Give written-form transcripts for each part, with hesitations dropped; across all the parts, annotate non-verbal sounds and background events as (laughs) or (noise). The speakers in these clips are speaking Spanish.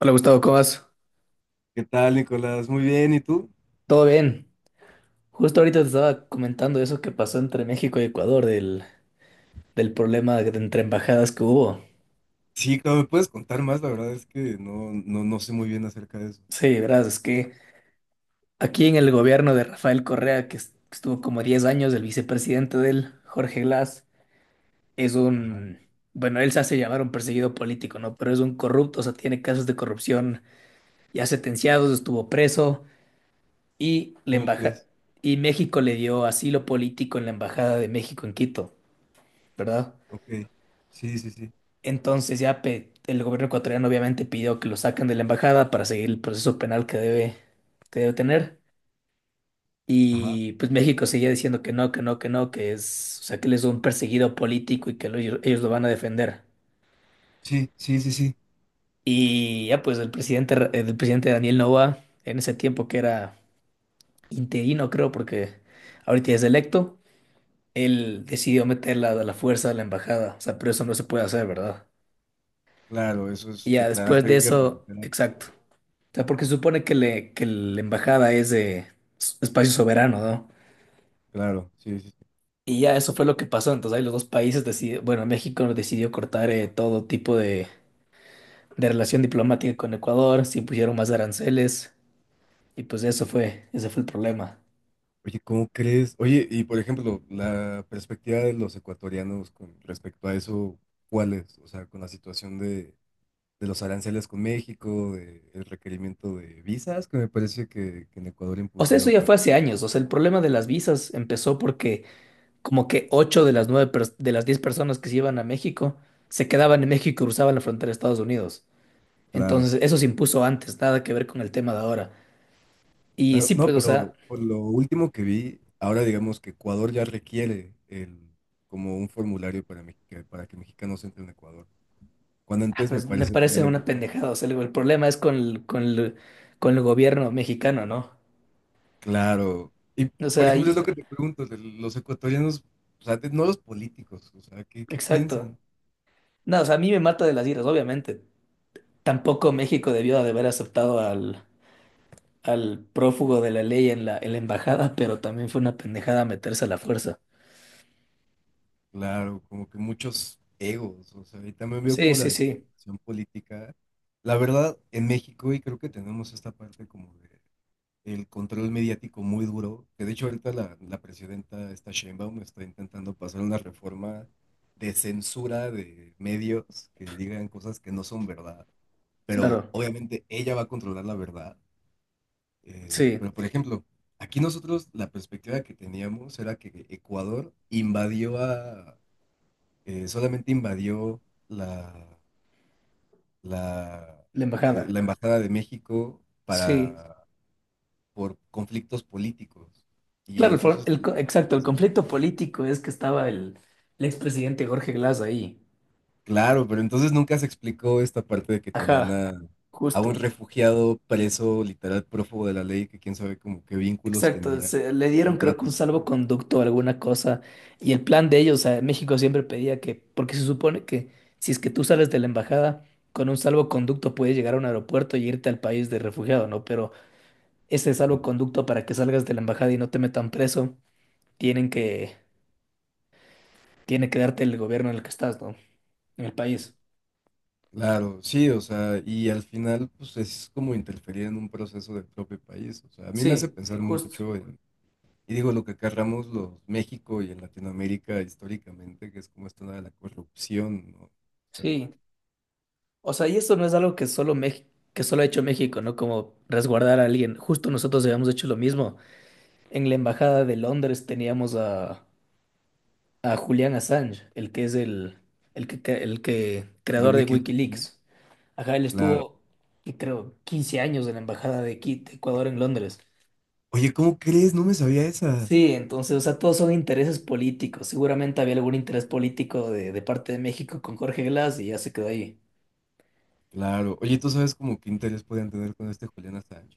Hola Gustavo, ¿cómo vas? ¿Qué tal, Nicolás? Muy bien, ¿y tú? ¿Todo bien? Justo ahorita te estaba comentando eso que pasó entre México y Ecuador, del problema de- entre embajadas que hubo. Sí, claro, ¿me puedes contar más? La verdad es que no sé muy bien acerca de eso. Sí, verás, es que aquí en el gobierno de Rafael Correa, que estuvo como 10 años, el vicepresidente de él, Jorge Glass, es Ajá, un, bueno, él se hace llamar un perseguido político, ¿no? Pero es un corrupto, o sea, tiene casos de corrupción ya sentenciados, estuvo preso y la ¿cómo embaja, crees? y México le dio asilo político en la embajada de México en Quito, ¿verdad? Ok, sí, sí, sí. Entonces ya pe- el gobierno ecuatoriano obviamente pidió que lo saquen de la embajada para seguir el proceso penal que debe tener. Ajá, Y pues México seguía diciendo que no, que no, que no, que es, o sea, que él es un perseguido político y ellos lo van a defender. sí, sí, sí, sí. Y ya pues el presidente, el presidente Daniel Noboa, en ese tiempo que era interino, creo, porque ahorita ya es electo, él decidió meterla a la fuerza a la embajada. O sea, pero eso no se puede hacer, ¿verdad? Claro, eso es Y ya después declararle de guerra, eso, literal. exacto. O sea, porque se supone que la embajada es de espacio soberano, ¿no? Claro, sí, sí, sí. Y ya eso fue lo que pasó. Entonces ahí los dos países decidieron, bueno, México decidió cortar todo tipo de relación diplomática con Ecuador, se impusieron más aranceles y ese fue el problema. Oye, ¿cómo crees? Oye, y por ejemplo, la perspectiva de los ecuatorianos con respecto a eso, ¿cuál es? O sea, con la situación de los aranceles con México, de, el requerimiento de visas que me parece que en Ecuador O sea, eso impusieron ya para... fue hace años. O sea, el problema de las visas empezó porque como que ocho de las nueve pers- de las 10 personas que se iban a México se quedaban en México y cruzaban la frontera de Estados Unidos. Claro. Entonces, eso se impuso antes, nada que ver con el tema de ahora. Y Claro, sí, no, pues, o pero sea, por lo último que vi, ahora digamos que Ecuador ya requiere el, como un formulario para, para que mexicanos entren a Ecuador. Cuando ah, antes me pues me parece que era parece libre. una pendejada. O sea, el problema es con el gobierno mexicano, ¿no? Claro. Y O por sea, ejemplo, es ahí, lo que te pregunto, de los ecuatorianos, o sea, no los políticos, o sea, ¿qué exacto. piensan? No, o sea, a mí me mata de las iras, obviamente. Tampoco México debió de haber aceptado al prófugo de la ley en la embajada, (laughs) pero también fue una pendejada meterse a la fuerza. Claro, como que muchos egos, o sea, y también veo Sí, como la sí, sí, desinformación política. La verdad, en México, y creo que tenemos esta parte como de el control mediático muy duro, que de hecho ahorita la presidenta, esta Sheinbaum, está intentando pasar una reforma de censura de medios que digan cosas que no son verdad, pero claro. obviamente ella va a controlar la verdad. Eh, Sí, pero por ejemplo, aquí nosotros la perspectiva que teníamos era que Ecuador invadió solamente invadió la, la, la la embajada. Embajada de México Sí. para por conflictos políticos. Y Claro, el, for- entonces, el co- lo exacto, que el se nos conflicto explica. político es que estaba el expresidente Jorge Glass ahí. Claro, pero entonces nunca se explicó esta parte de que tenían Ajá, a, un justo. refugiado preso, literal prófugo de la ley, que quién sabe como qué vínculos Exacto, tenía, le qué dieron creo que un contratos tenía. salvoconducto o alguna cosa. Y el plan de ellos, o sea, México siempre pedía que, porque se supone que si es que tú sales de la embajada con un salvoconducto puedes llegar a un aeropuerto y irte al país de refugiado, ¿no? Pero ese Sí. salvoconducto para que salgas de la embajada y no te metan preso, tienen que, tiene que darte el gobierno en el que estás, ¿no? En el país. Claro, sí, o sea, y al final, pues es como interferir en un proceso del propio país. O sea, a mí me hace Sí, pensar justo. mucho en, y digo, lo que acarramos los México y en Latinoamérica históricamente, que es como esta onda de la corrupción, ¿no? O sea, Sí, o sea, y eso no es algo que solo México, que solo ha hecho México, ¿no? Como resguardar a alguien. Justo nosotros habíamos hecho lo mismo. En la embajada de Londres teníamos a Julian Assange, el que, el de creador de Wikileaks, ¿no? WikiLeaks. Ajá, él Claro. estuvo, y creo, 15 años en la embajada de de Ecuador en Londres. Oye, ¿cómo crees? No me sabía esa. Sí, entonces, o sea, todos son intereses políticos. Seguramente había algún interés político de parte de México con Jorge Glass y ya se quedó ahí. Claro. Oye, ¿tú sabes como qué interés podían tener con este Julián Assange?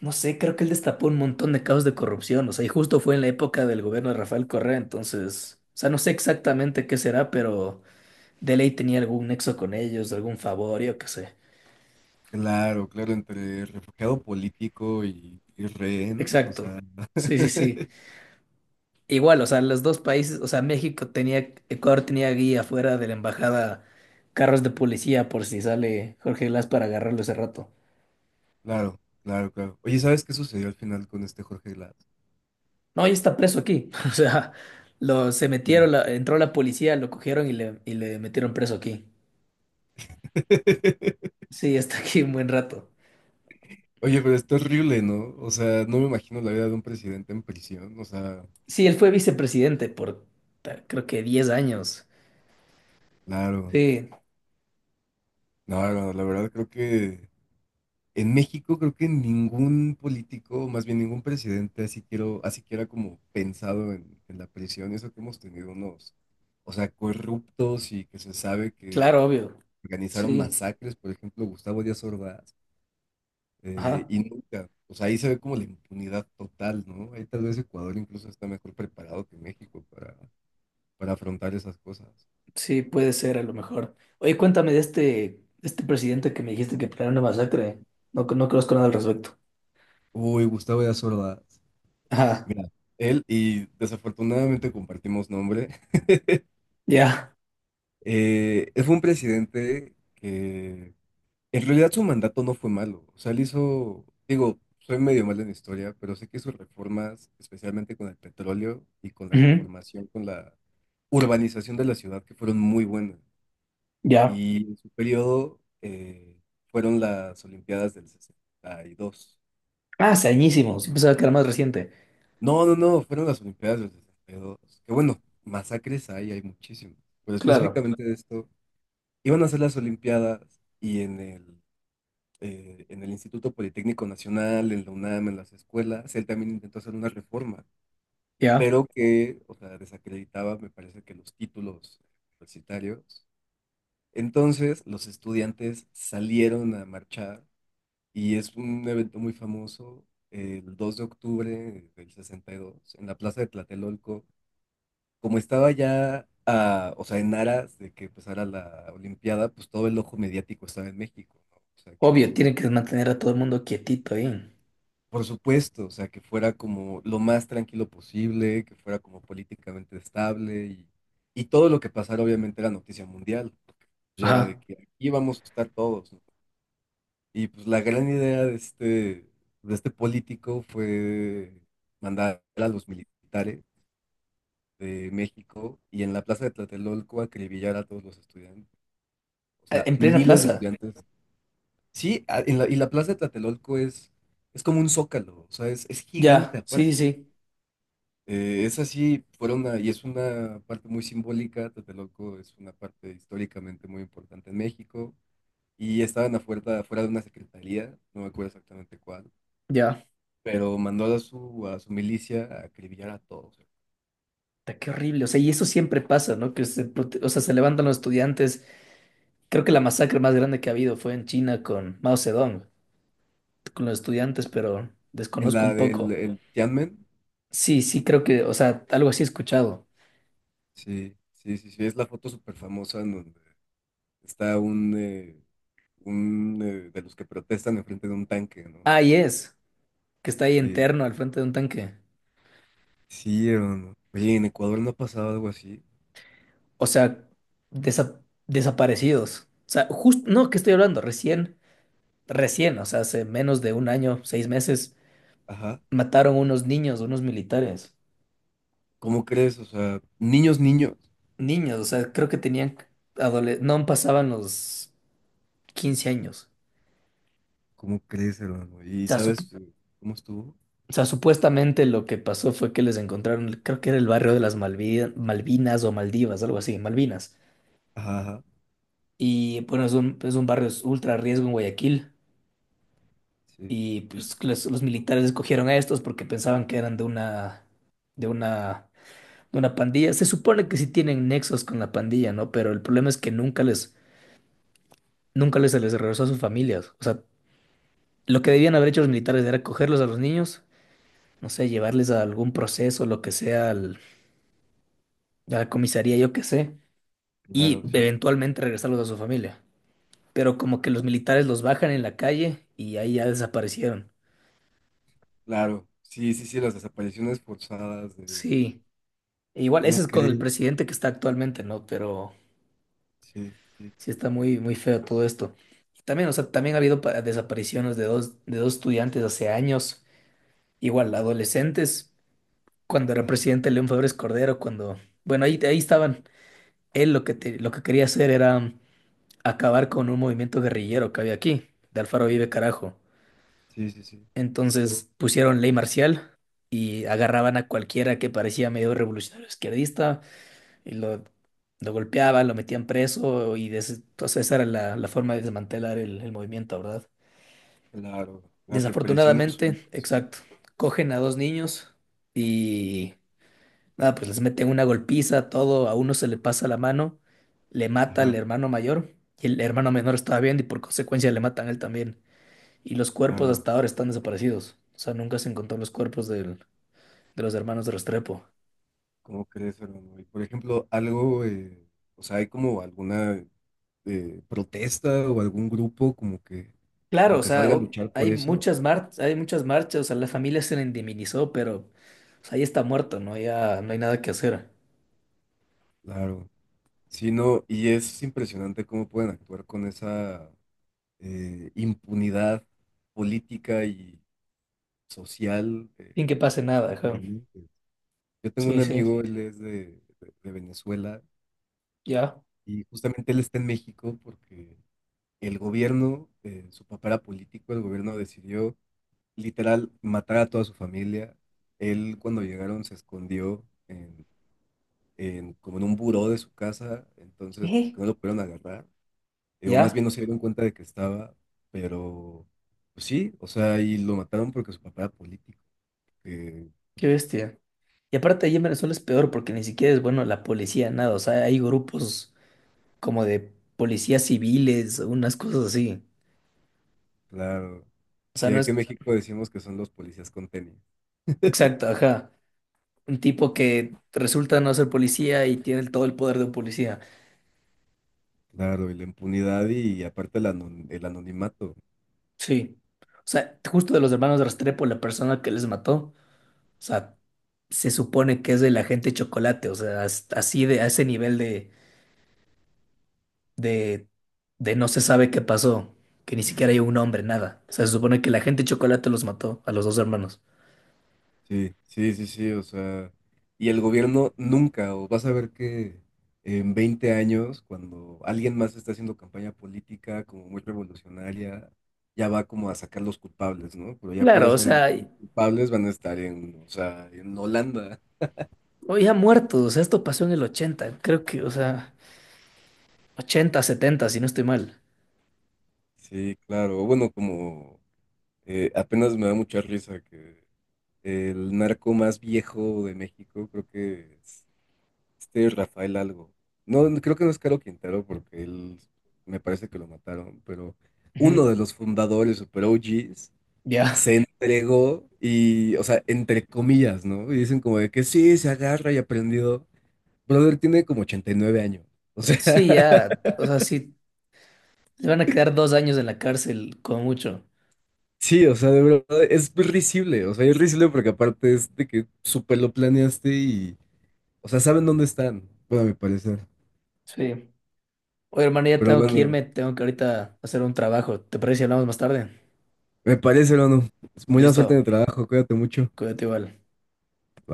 No sé, creo que él destapó un montón de casos de corrupción, o sea, y justo fue en la época del gobierno de Rafael Correa, entonces, o sea, no sé exactamente qué será, pero de ley tenía algún nexo con ellos, algún favor, yo qué sé. Claro, claro, entre refugiado político y rehén, o Exacto. sea, Sí, sí, (laughs) sí. Igual, o sea, los dos países, o sea, México tenía, Ecuador tenía guía fuera de la embajada, carros de policía por si sale Jorge Glass para agarrarlo ese rato. claro, claro, claro. Oye, ¿sabes qué sucedió al final con este Jorge Glass? No, ya está preso aquí. (laughs) O sea, lo, se Ya. metieron, entró la policía, lo cogieron y le metieron preso aquí. (laughs) Sí, está aquí un buen rato. Oye, pero está horrible, ¿no? O sea, no me imagino la vida de un presidente en prisión, o sea, Sí, él fue vicepresidente por creo que 10 años. claro, Sí, claro, la verdad creo que en México creo que ningún político, más bien ningún presidente, así quiero, así que era como pensado en, la prisión, eso que hemos tenido unos, o sea, corruptos y que se sabe que claro, obvio. organizaron Sí, masacres, por ejemplo, Gustavo Díaz Ordaz, ajá. y nunca, o sea, ahí se ve como la impunidad total, ¿no? Ahí tal vez Ecuador incluso está mejor preparado que México para afrontar esas cosas. Sí, puede ser a lo mejor. Oye, cuéntame de este, presidente que me dijiste que planeó una masacre. No, no conozco nada al respecto. Uy, Gustavo Díaz Ordaz, Ajá, mira, él y desafortunadamente compartimos nombre. ya. Fue un presidente que en realidad su mandato no fue malo. O sea, él hizo, digo, soy medio malo en historia, pero sé que sus reformas, especialmente con el petróleo y con la Ujú, reformación, con la urbanización de la ciudad, que fueron muy buenas. ya. Y en su periodo fueron las Olimpiadas del 62. Ah, hace añísimos. Yo Entonces, pensaba que era más reciente. no, no, no, fueron las Olimpiadas del 62. Que bueno, masacres hay muchísimas. Pero Claro, específicamente de esto. Iban a hacer las Olimpiadas y en el Instituto Politécnico Nacional, en la UNAM, en las escuelas, él también intentó hacer una reforma, ya. pero que, o sea, desacreditaba, me parece que los títulos universitarios. Entonces, los estudiantes salieron a marchar y es un evento muy famoso, el 2 de octubre del 62, en la Plaza de Tlatelolco como estaba ya, o sea, en aras de que empezara la Olimpiada, pues todo el ojo mediático estaba en México, ¿no? O sea, que, Obvio, tienen que mantener a todo el mundo quietito ahí. por supuesto, o sea, que fuera como lo más tranquilo posible, que fuera como políticamente estable y todo lo que pasara obviamente era noticia mundial, porque ya era Ajá. de que aquí vamos a estar todos, ¿no? Y pues la gran idea de este político fue mandar a los militares de México y en la plaza de Tlatelolco acribillar a todos los estudiantes. O sea, En plena miles de plaza. estudiantes. Sí, y la plaza de Tlatelolco es como un zócalo, o sea, es gigante Ya, sí, sí, aparte. sí. Es así, y es una parte muy simbólica. Tlatelolco es una parte históricamente muy importante en México. Y estaban afuera de una secretaría, no me acuerdo exactamente cuál, Ya. pero mandó a su, milicia a acribillar a todos. Puta, qué horrible, o sea, y eso siempre pasa, ¿no? O sea, se levantan los estudiantes. Creo que la masacre más grande que ha habido fue en China con Mao Zedong, con los estudiantes, pero En desconozco un la del poco. el Tianmen, Sí, sí, creo que, o sea, algo así he escuchado. sí, sí, sí, sí, es la foto súper famosa está un de los que protestan enfrente de un tanque, ¿no? Ah, que está ahí Sí, interno al frente de un tanque. sí, hermano. Oye, en Ecuador no ha pasado algo así. O sea, desaparecidos. O sea, justo, no, ¿qué estoy hablando? Recién, o sea, hace menos de un año, 6 meses, Ajá. mataron unos niños, unos militares. ¿Cómo crees? O sea, niños, niños. Niños, o sea, creo que tenían no pasaban los 15 años. ¿Cómo crees, hermano? O ¿Y sea, sabes cómo estuvo? o sea, supuestamente lo que pasó fue que les encontraron, creo que era el barrio de las Malvinas o Maldivas, algo así, Malvinas. Ajá, ajá. Y bueno, es un barrio ultra riesgo en Guayaquil. Sí, Y sí, sí, sí. pues los militares escogieron a estos porque pensaban que eran de una, de una pandilla. Se supone que sí tienen nexos con la pandilla, ¿no? Pero el problema es que nunca les se les regresó a sus familias. O sea, lo que debían haber hecho los militares era cogerlos a los niños, no sé, llevarles a algún proceso, lo que sea, a la comisaría, yo qué sé, y Claro, sí. eventualmente regresarlos a su familia. Pero como que los militares los bajan en la calle y ahí ya desaparecieron. Claro. Sí, sí, sí, las desapariciones forzadas de... Sí, e igual ese ¿Cómo es con el crees? presidente que está actualmente, ¿no? Pero Sí, sí, sí sí. está muy, muy feo todo esto. Y también, o sea, también ha habido desapariciones de dos estudiantes hace años, igual adolescentes, cuando era Ajá. presidente León Febres Cordero, cuando, bueno, ahí estaban. Él lo que quería hacer era acabar con un movimiento guerrillero que había aquí, de Alfaro Vive Carajo. Sí, sí, sí. Entonces pusieron ley marcial y agarraban a cualquiera que parecía medio revolucionario izquierdista y lo golpeaban, lo metían preso y entonces esa era la forma de desmantelar el movimiento, ¿verdad? Claro. Las represiones... Desafortunadamente, exacto, cogen a dos niños y nada, pues les meten una golpiza, todo, a uno se le pasa la mano, le mata al Ajá, hermano mayor y el hermano menor estaba viendo y por consecuencia le matan a él también. Y los cuerpos claro. hasta ahora están desaparecidos. O sea, nunca se encontraron los cuerpos de los hermanos de Restrepo. ¿Cómo crees, hermano? Y por ejemplo, algo, o sea, hay como alguna protesta o algún grupo como que, Claro, como o que sea, salga a luchar por eso, hay muchas marchas, o sea, la familia se le indemnizó, pero o sea, ahí está muerto, ¿no? Ya no hay nada que hacer. claro. Sí, no, y es impresionante cómo pueden actuar con esa impunidad política y social Sin que los, pase nada, los ajá. gobernantes. Yo tengo Sí, un sí, amigo, él es de Venezuela ya. y justamente él está en México porque su papá era político, el gobierno decidió literal matar a toda su familia. Él cuando llegaron se escondió como en un buró de su casa, entonces como que ¿Qué? no lo pudieron agarrar, o más ¿Ya? bien no se dieron cuenta de que estaba, pero pues sí, o sea, y lo mataron porque su papá era político, que, Qué pues bestia. Y aparte allí en Venezuela es peor porque ni siquiera es bueno la policía, nada. O sea, hay grupos como de policías civiles, unas cosas así. claro, O sea, sí, no aquí en es México decimos que son los policías con tenis, exacto, ajá. Un tipo que resulta no ser policía y tiene todo el poder de un policía. claro, y la impunidad y, aparte el el anonimato. Sí. O sea, justo de los hermanos Restrepo, la persona que les mató, o sea, se supone que es el agente Chocolate. O sea, así de, a ese nivel de, de no se sabe qué pasó, que ni siquiera hay un hombre, nada. O sea, se supone que la gente de chocolate los mató a los dos hermanos. Sí, sí, sí, sí, o sea, y el gobierno nunca, o vas a ver que en 20 años, cuando alguien más está haciendo campaña política como muy revolucionaria, ya va como a sacar los culpables, ¿no? Pero ya para Claro, o ese sea, momento los culpables van a estar en, o sea, en Holanda. hoy ha muerto, o sea, esto pasó en el 80 creo que, o sea, 80 70 si no estoy mal. Sí, claro, bueno, como apenas me da mucha risa que el narco más viejo de México, creo que este Rafael algo. No, no, creo que no es Caro Quintero porque él me parece que lo mataron, pero uno Ujú. de los fundadores, super OGs, Ya. se entregó y, o sea, entre comillas, ¿no? Y dicen como de que sí, se agarra y aprendió. Brother tiene como 89 años. O sea, Sí, ya, o sea, sí, le van a quedar 2 años en la cárcel, como mucho. (laughs) sí, o sea, de verdad, es risible. O sea, es risible porque aparte es de que súper lo planeaste y, o sea, saben dónde están, bueno, a mi parecer. Sí. Oye, hermano, ya Pero tengo que bueno, irme, tengo que ahorita hacer un trabajo. ¿Te parece si hablamos más tarde? me parece, hermano. Muy buena suerte Listo, en el trabajo, cuídate mucho. cuídate igual. Bye.